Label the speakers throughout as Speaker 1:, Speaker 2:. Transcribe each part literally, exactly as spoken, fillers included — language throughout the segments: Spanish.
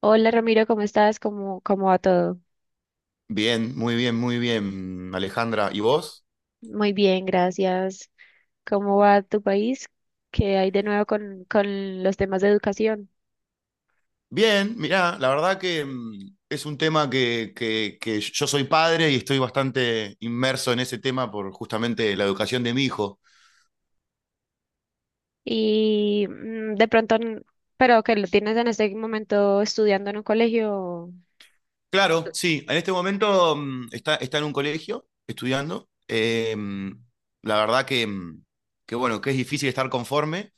Speaker 1: Hola Ramiro, ¿cómo estás? ¿Cómo, cómo va todo?
Speaker 2: Bien, muy bien, muy bien, Alejandra. ¿Y vos?
Speaker 1: Muy bien, gracias. ¿Cómo va tu país? ¿Qué hay de nuevo con, con los temas de educación?
Speaker 2: Bien, mirá, la verdad que mm, es un tema que, que, que yo soy padre y estoy bastante inmerso en ese tema por justamente la educación de mi hijo.
Speaker 1: Y mm, de pronto, n- pero que lo tienes en este momento estudiando en un colegio.
Speaker 2: Claro, sí, en este momento mm, está, está en un colegio estudiando. Eh, mm, la verdad que, mm, que bueno, que es difícil estar conforme.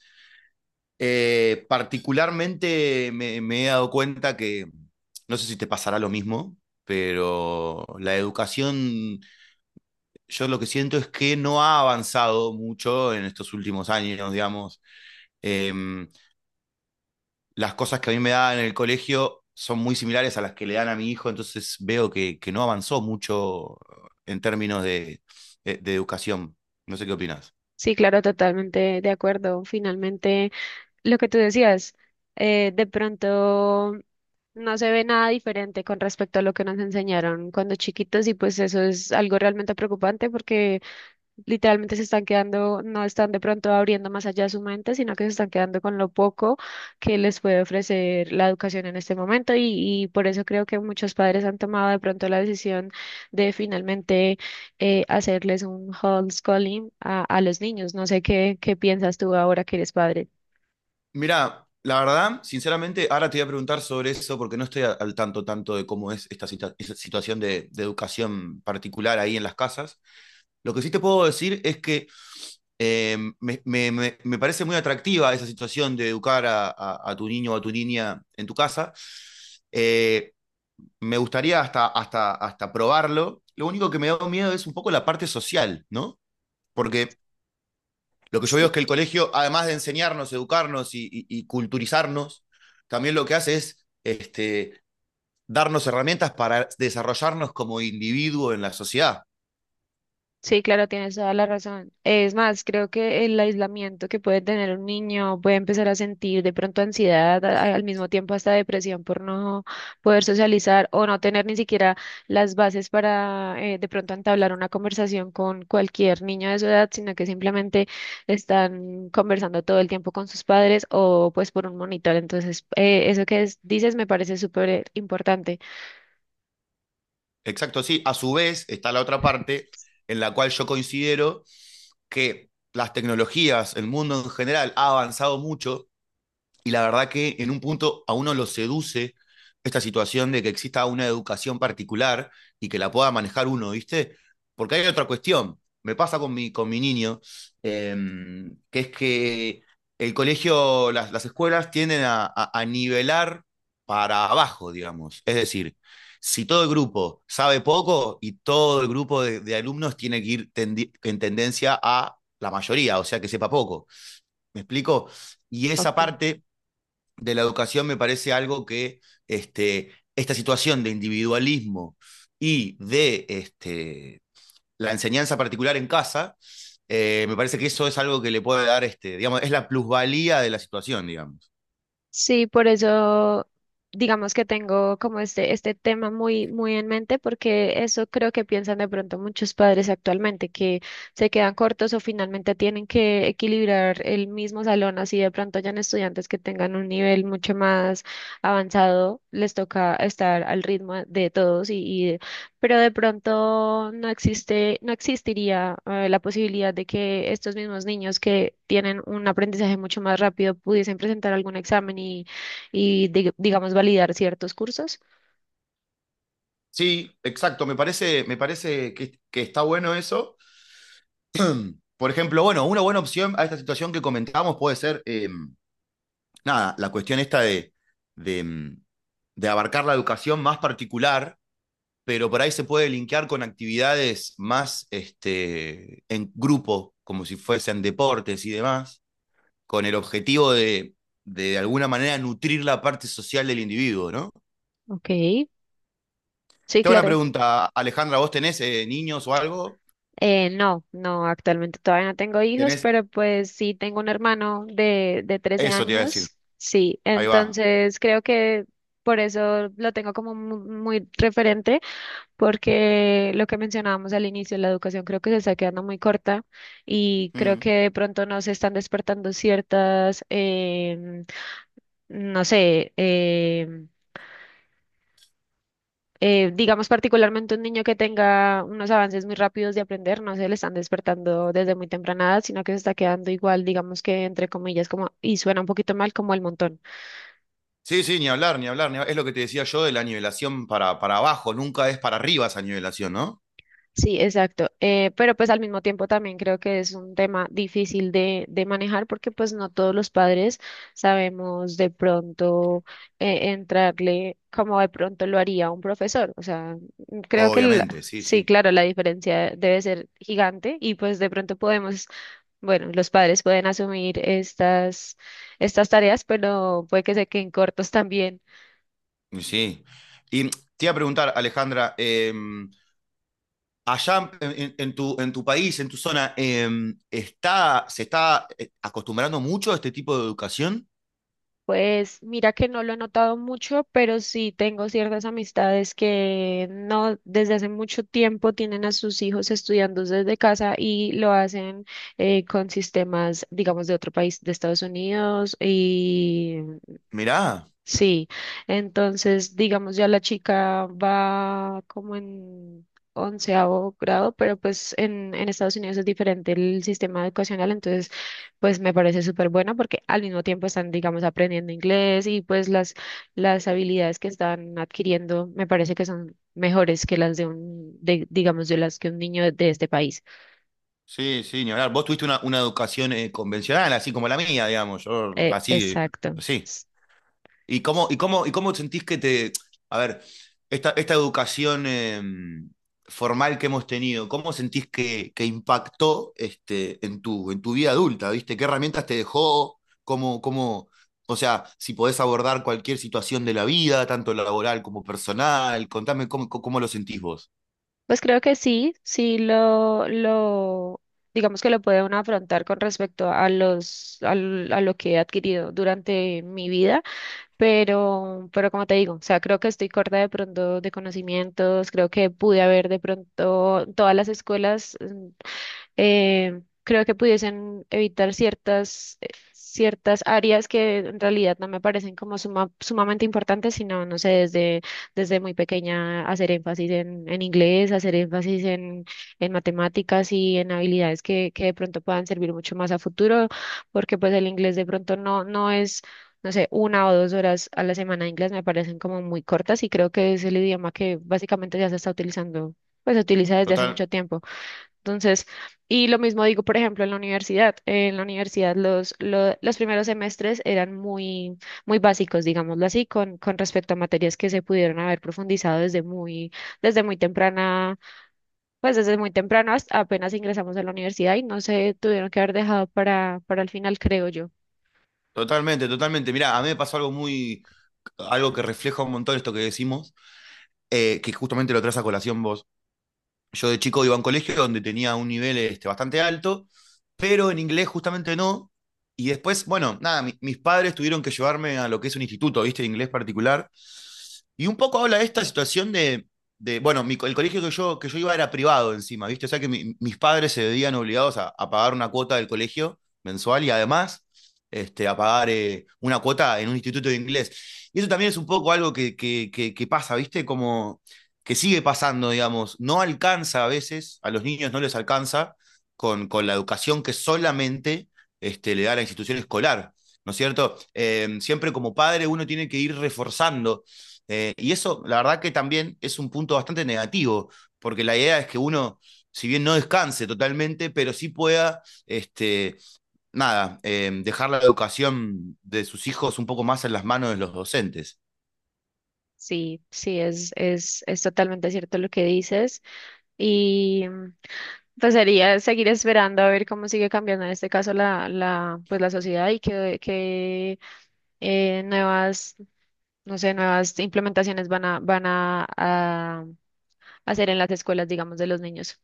Speaker 2: Eh, particularmente me, me he dado cuenta que, mm, no sé si te pasará lo mismo, pero la educación yo lo que siento es que no ha avanzado mucho en estos últimos años, digamos. Eh, las cosas que a mí me daban en el colegio son muy similares a las que le dan a mi hijo, entonces veo que, que no avanzó mucho en términos de, de- de educación. No sé qué opinas.
Speaker 1: Sí, claro, totalmente de acuerdo. Finalmente, lo que tú decías, eh, de pronto no se ve nada diferente con respecto a lo que nos enseñaron cuando chiquitos y pues eso es algo realmente preocupante porque literalmente se están quedando, no están de pronto abriendo más allá de su mente, sino que se están quedando con lo poco que les puede ofrecer la educación en este momento y, y por eso creo que muchos padres han tomado de pronto la decisión de finalmente eh, hacerles un homeschooling a, a los niños. No sé qué, qué piensas tú ahora que eres padre.
Speaker 2: Mira, la verdad, sinceramente, ahora te voy a preguntar sobre eso porque no estoy a- al tanto tanto de cómo es esta situa- esa situación de, de educación particular ahí en las casas. Lo que sí te puedo decir es que eh, me, me- me parece muy atractiva esa situación de educar a, a- a tu niño o a tu niña en tu casa. Eh, me gustaría hasta, hasta, hasta probarlo. Lo único que me da miedo es un poco la parte social, ¿no? Porque lo que yo veo es que el colegio, además de enseñarnos, educarnos y, y- y culturizarnos, también lo que hace es este, darnos herramientas para desarrollarnos como individuo en la sociedad.
Speaker 1: Sí, claro, tienes toda la razón. Es más, creo que el aislamiento que puede tener un niño puede empezar a sentir de pronto ansiedad, a- al mismo tiempo hasta depresión por no poder socializar o no tener ni siquiera las bases para eh, de pronto entablar una conversación con cualquier niño de su edad, sino que simplemente están conversando todo el tiempo con sus padres o pues por un monitor. Entonces, eh, eso que es- dices me parece súper importante.
Speaker 2: Exacto, sí. A su vez está la otra parte en la cual yo considero que las tecnologías, el mundo en general, ha avanzado mucho y la verdad que en un punto a uno lo seduce esta situación de que exista una educación particular y que la pueda manejar uno, ¿viste? Porque hay otra cuestión, me pasa con mi, con mi niño, eh, que es que el colegio, las, las escuelas tienden a, a- a nivelar para abajo, digamos. Es decir, si todo el grupo sabe poco y todo el grupo de, de alumnos tiene que ir tendi- en tendencia a la mayoría, o sea, que sepa poco. ¿Me explico? Y esa
Speaker 1: Ok.
Speaker 2: parte de la educación me parece algo que este, esta situación de individualismo y de este, la enseñanza particular en casa, eh, me parece que eso es algo que le puede dar, este, digamos, es la plusvalía de la situación, digamos.
Speaker 1: Sí, por eso digamos que tengo como este, este tema muy, muy en mente, porque eso creo que piensan de pronto muchos padres actualmente, que se quedan cortos o finalmente tienen que equilibrar el mismo salón, así de pronto hayan estudiantes que tengan un nivel mucho más avanzado, les toca estar al ritmo de todos y, pero de pronto no existe, no existiría eh, la posibilidad de que estos mismos niños que tienen un aprendizaje mucho más rápido pudiesen presentar algún examen y, y dig- digamos, validar ciertos cursos.
Speaker 2: Sí, exacto, me parece, me parece que, que está bueno eso. Por ejemplo, bueno, una buena opción a esta situación que comentábamos puede ser, eh, nada, la cuestión esta de, de, de abarcar la educación más particular, pero por ahí se puede linkear con actividades más este, en grupo, como si fuesen deportes y demás, con el objetivo de, de, de alguna manera nutrir la parte social del individuo, ¿no?
Speaker 1: Ok, sí,
Speaker 2: Tengo una
Speaker 1: claro.
Speaker 2: pregunta, Alejandra, ¿vos tenés eh, niños o algo?
Speaker 1: Eh, no, no, actualmente todavía no tengo hijos,
Speaker 2: ¿Tenés?
Speaker 1: pero pues sí tengo un hermano de, de trece
Speaker 2: Eso te iba a decir,
Speaker 1: años, sí,
Speaker 2: ahí va.
Speaker 1: entonces creo que por eso lo tengo como mu- muy referente, porque lo que mencionábamos al inicio, la educación creo que se está quedando muy corta y creo
Speaker 2: Mm.
Speaker 1: que de pronto no se están despertando ciertas, em, no sé, em, eh, digamos particularmente un niño que tenga unos avances muy rápidos de aprender, no se le están despertando desde muy temprana edad, sino que se está quedando igual, digamos que entre comillas, como, y suena un poquito mal, como el montón.
Speaker 2: Sí, sí, ni hablar, ni hablar, ni hablar. Es lo que te decía yo de la nivelación para, para abajo, nunca es para arriba esa nivelación, ¿no?
Speaker 1: Sí, exacto. Eh, pero pues al mismo tiempo también creo que es un tema difícil de, de manejar porque pues no todos los padres sabemos de pronto eh, entrarle como de pronto lo haría un profesor. O sea, mm, creo que la-
Speaker 2: Obviamente, sí,
Speaker 1: sí,
Speaker 2: sí.
Speaker 1: claro, la diferencia debe ser gigante y pues de pronto podemos, bueno, los padres pueden asumir estas, estas tareas, pero puede que se queden cortos también.
Speaker 2: Sí. Y te iba a preguntar, Alejandra, eh, allá en, en, tu, en tu país, en tu zona, eh, está, ¿se está eh, acostumbrando mucho a este tipo de educación?
Speaker 1: Pues mira que no lo he notado mucho, pero sí tengo ciertas amistades que no desde hace mucho tiempo tienen a sus hijos estudiando desde casa y lo hacen eh, con sistemas, digamos, de otro país, de Estados Unidos.
Speaker 2: Mirá,
Speaker 1: Sí, entonces digamos ya la chica va como en onceavo grado, pero pues en, en Estados Unidos es diferente el sistema educacional, entonces pues me parece súper bueno porque al mismo tiempo están digamos aprendiendo inglés y pues las, las habilidades que están adquiriendo me parece que son mejores que las de un, de, digamos de las que un niño de este país.
Speaker 2: sí, sí, ni hablar. Vos tuviste una, una educación eh, convencional, así como la mía, digamos, yo
Speaker 1: Eh,
Speaker 2: así,
Speaker 1: exacto.
Speaker 2: sí. ¿Y cómo, y cómo, y cómo sentís que te... A ver, esta, esta educación eh, formal que hemos tenido, ¿cómo sentís que, que impactó este, en tu, en tu vida adulta? ¿Viste? ¿Qué herramientas te dejó? ¿Cómo, cómo, o sea, si podés abordar cualquier situación de la vida, tanto laboral como personal, contame cómo, cómo lo sentís vos.
Speaker 1: Pues creo que sí, sí lo, lo, digamos que lo puedo uno afrontar con respecto a los, al- a, lo que he adquirido durante mi vida, pero, pero como te digo, o sea, creo que estoy corta de pronto de conocimientos, creo que pude haber de pronto todas las escuelas. mm, eh, creo que pudiesen evitar ciertas, eh, ciertas áreas que en realidad no me parecen como suma- sumamente importantes, sino, no sé, desde, desde muy pequeña hacer énfasis en, en inglés, hacer énfasis en, en matemáticas y en habilidades que, que de pronto puedan servir mucho más a futuro, porque pues el inglés de pronto no, no es... No sé, una o dos horas a la semana de inglés me parecen como muy cortas y creo que es el idioma que básicamente ya se está utilizando, pues se utiliza desde hace
Speaker 2: Total,
Speaker 1: mucho tiempo. Entonces, y lo mismo digo, por ejemplo, en la universidad. En la universidad los, lo- los primeros semestres eran muy, muy básicos, digámoslo así, con, con respecto a materias que se pudieron haber profundizado desde muy, desde muy temprana, pues desde muy temprano hasta apenas ingresamos a la universidad y no se tuvieron que haber dejado para, para el final, creo yo.
Speaker 2: totalmente, totalmente. Mirá, a mí me pasó algo muy, algo que refleja un montón esto que decimos, eh, que justamente lo traes a colación vos. Yo de chico iba a un colegio donde tenía un nivel este, bastante alto, pero en inglés justamente no. Y después, bueno, nada, mi- mis padres tuvieron que llevarme a lo que es un instituto, ¿viste? De inglés particular. Y un poco habla de esta situación de, de bueno, mi co- el colegio que yo, que yo iba era privado encima, ¿viste? O sea que mi- mis padres se veían obligados a, a pagar una cuota del colegio mensual y además este, a pagar eh, una cuota en un instituto de inglés. Y eso también es un poco algo que, que, que, que pasa, ¿viste? Como que sigue pasando, digamos, no alcanza a veces, a los niños no les alcanza con, con la educación que solamente este, le da la institución escolar, ¿no es cierto? Eh, siempre como padre uno tiene que ir reforzando. Eh, y eso, la verdad que también es un punto bastante negativo, porque la idea es que uno, si bien no descanse totalmente, pero sí pueda, este, nada, eh, dejar la educación de sus hijos un poco más en las manos de los docentes.
Speaker 1: Sí, sí, es, es, es totalmente cierto lo que dices. Y mm, pues sería seguir esperando a ver cómo sigue cambiando en este caso la, la, pues la sociedad y qué eh, nuevas, no sé, nuevas implementaciones van a, van a, a hacer en las escuelas, digamos, de los niños.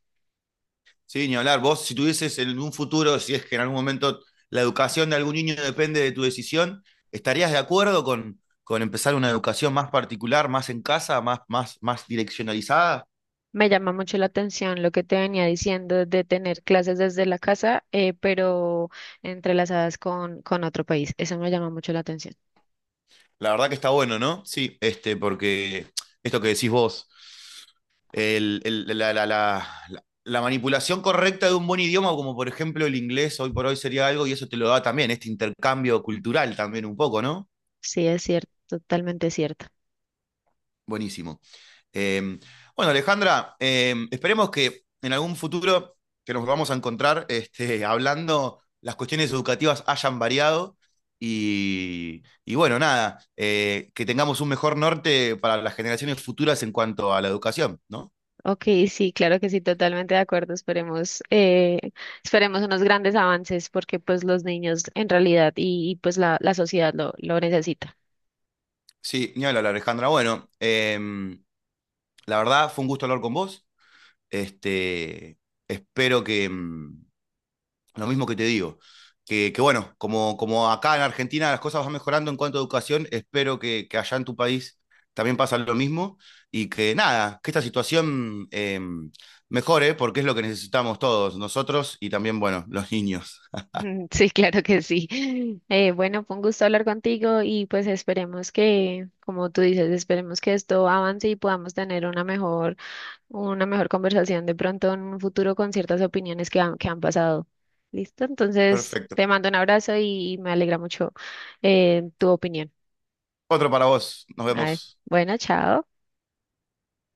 Speaker 2: Sí, ni hablar. Vos, si tuvieses en un futuro, si es que en algún momento la educación de algún niño depende de tu decisión, ¿estarías de acuerdo con, con empezar una educación más particular, más en casa, más, más, más direccionalizada?
Speaker 1: Me llama mucho la atención lo que te venía diciendo de tener clases desde la casa, eh, pero entrelazadas con, con otro país. Eso me llama mucho la atención.
Speaker 2: La verdad que está bueno, ¿no? Sí, este, porque esto que decís vos, el- el- la, la- la- la- la manipulación correcta de un buen idioma, como por ejemplo el inglés, hoy por hoy sería algo, y eso te lo da también, este intercambio cultural también un poco, ¿no?
Speaker 1: Sí, es cierto, totalmente cierto.
Speaker 2: Buenísimo. Eh, bueno, Alejandra, eh, esperemos que en algún futuro que nos vamos a encontrar este, hablando, las cuestiones educativas hayan variado y, y bueno, nada, eh, que tengamos un mejor norte para las generaciones futuras en cuanto a la educación, ¿no?
Speaker 1: Ok, sí, claro que sí, totalmente de acuerdo. Esperemos, eh, esperemos unos grandes avances porque pues los niños en realidad y, y, pues la, la sociedad lo, lo necesita.
Speaker 2: Sí, ni hablar, Alejandra. Bueno, eh, la verdad fue un gusto hablar con vos. Este, espero que, lo mismo que te digo. Que, que, bueno, como, como acá en Argentina las cosas van mejorando en cuanto a educación, espero que, que allá en tu país también pasa lo mismo y que nada, que esta situación eh, mejore porque es lo que necesitamos todos, nosotros y también, bueno, los niños.
Speaker 1: Sí, claro que sí. Eh, bueno, fue un gusto hablar contigo y pues esperemos que, como tú dices, esperemos que esto avance y podamos tener una mejor una mejor conversación de pronto en un futuro con ciertas opiniones que han, que han pasado. ¿Listo? Entonces,
Speaker 2: Perfecto.
Speaker 1: te mando un abrazo y me alegra mucho eh, tu opinión.
Speaker 2: Otro para vos, nos
Speaker 1: A ver,
Speaker 2: vemos.
Speaker 1: bueno, chao.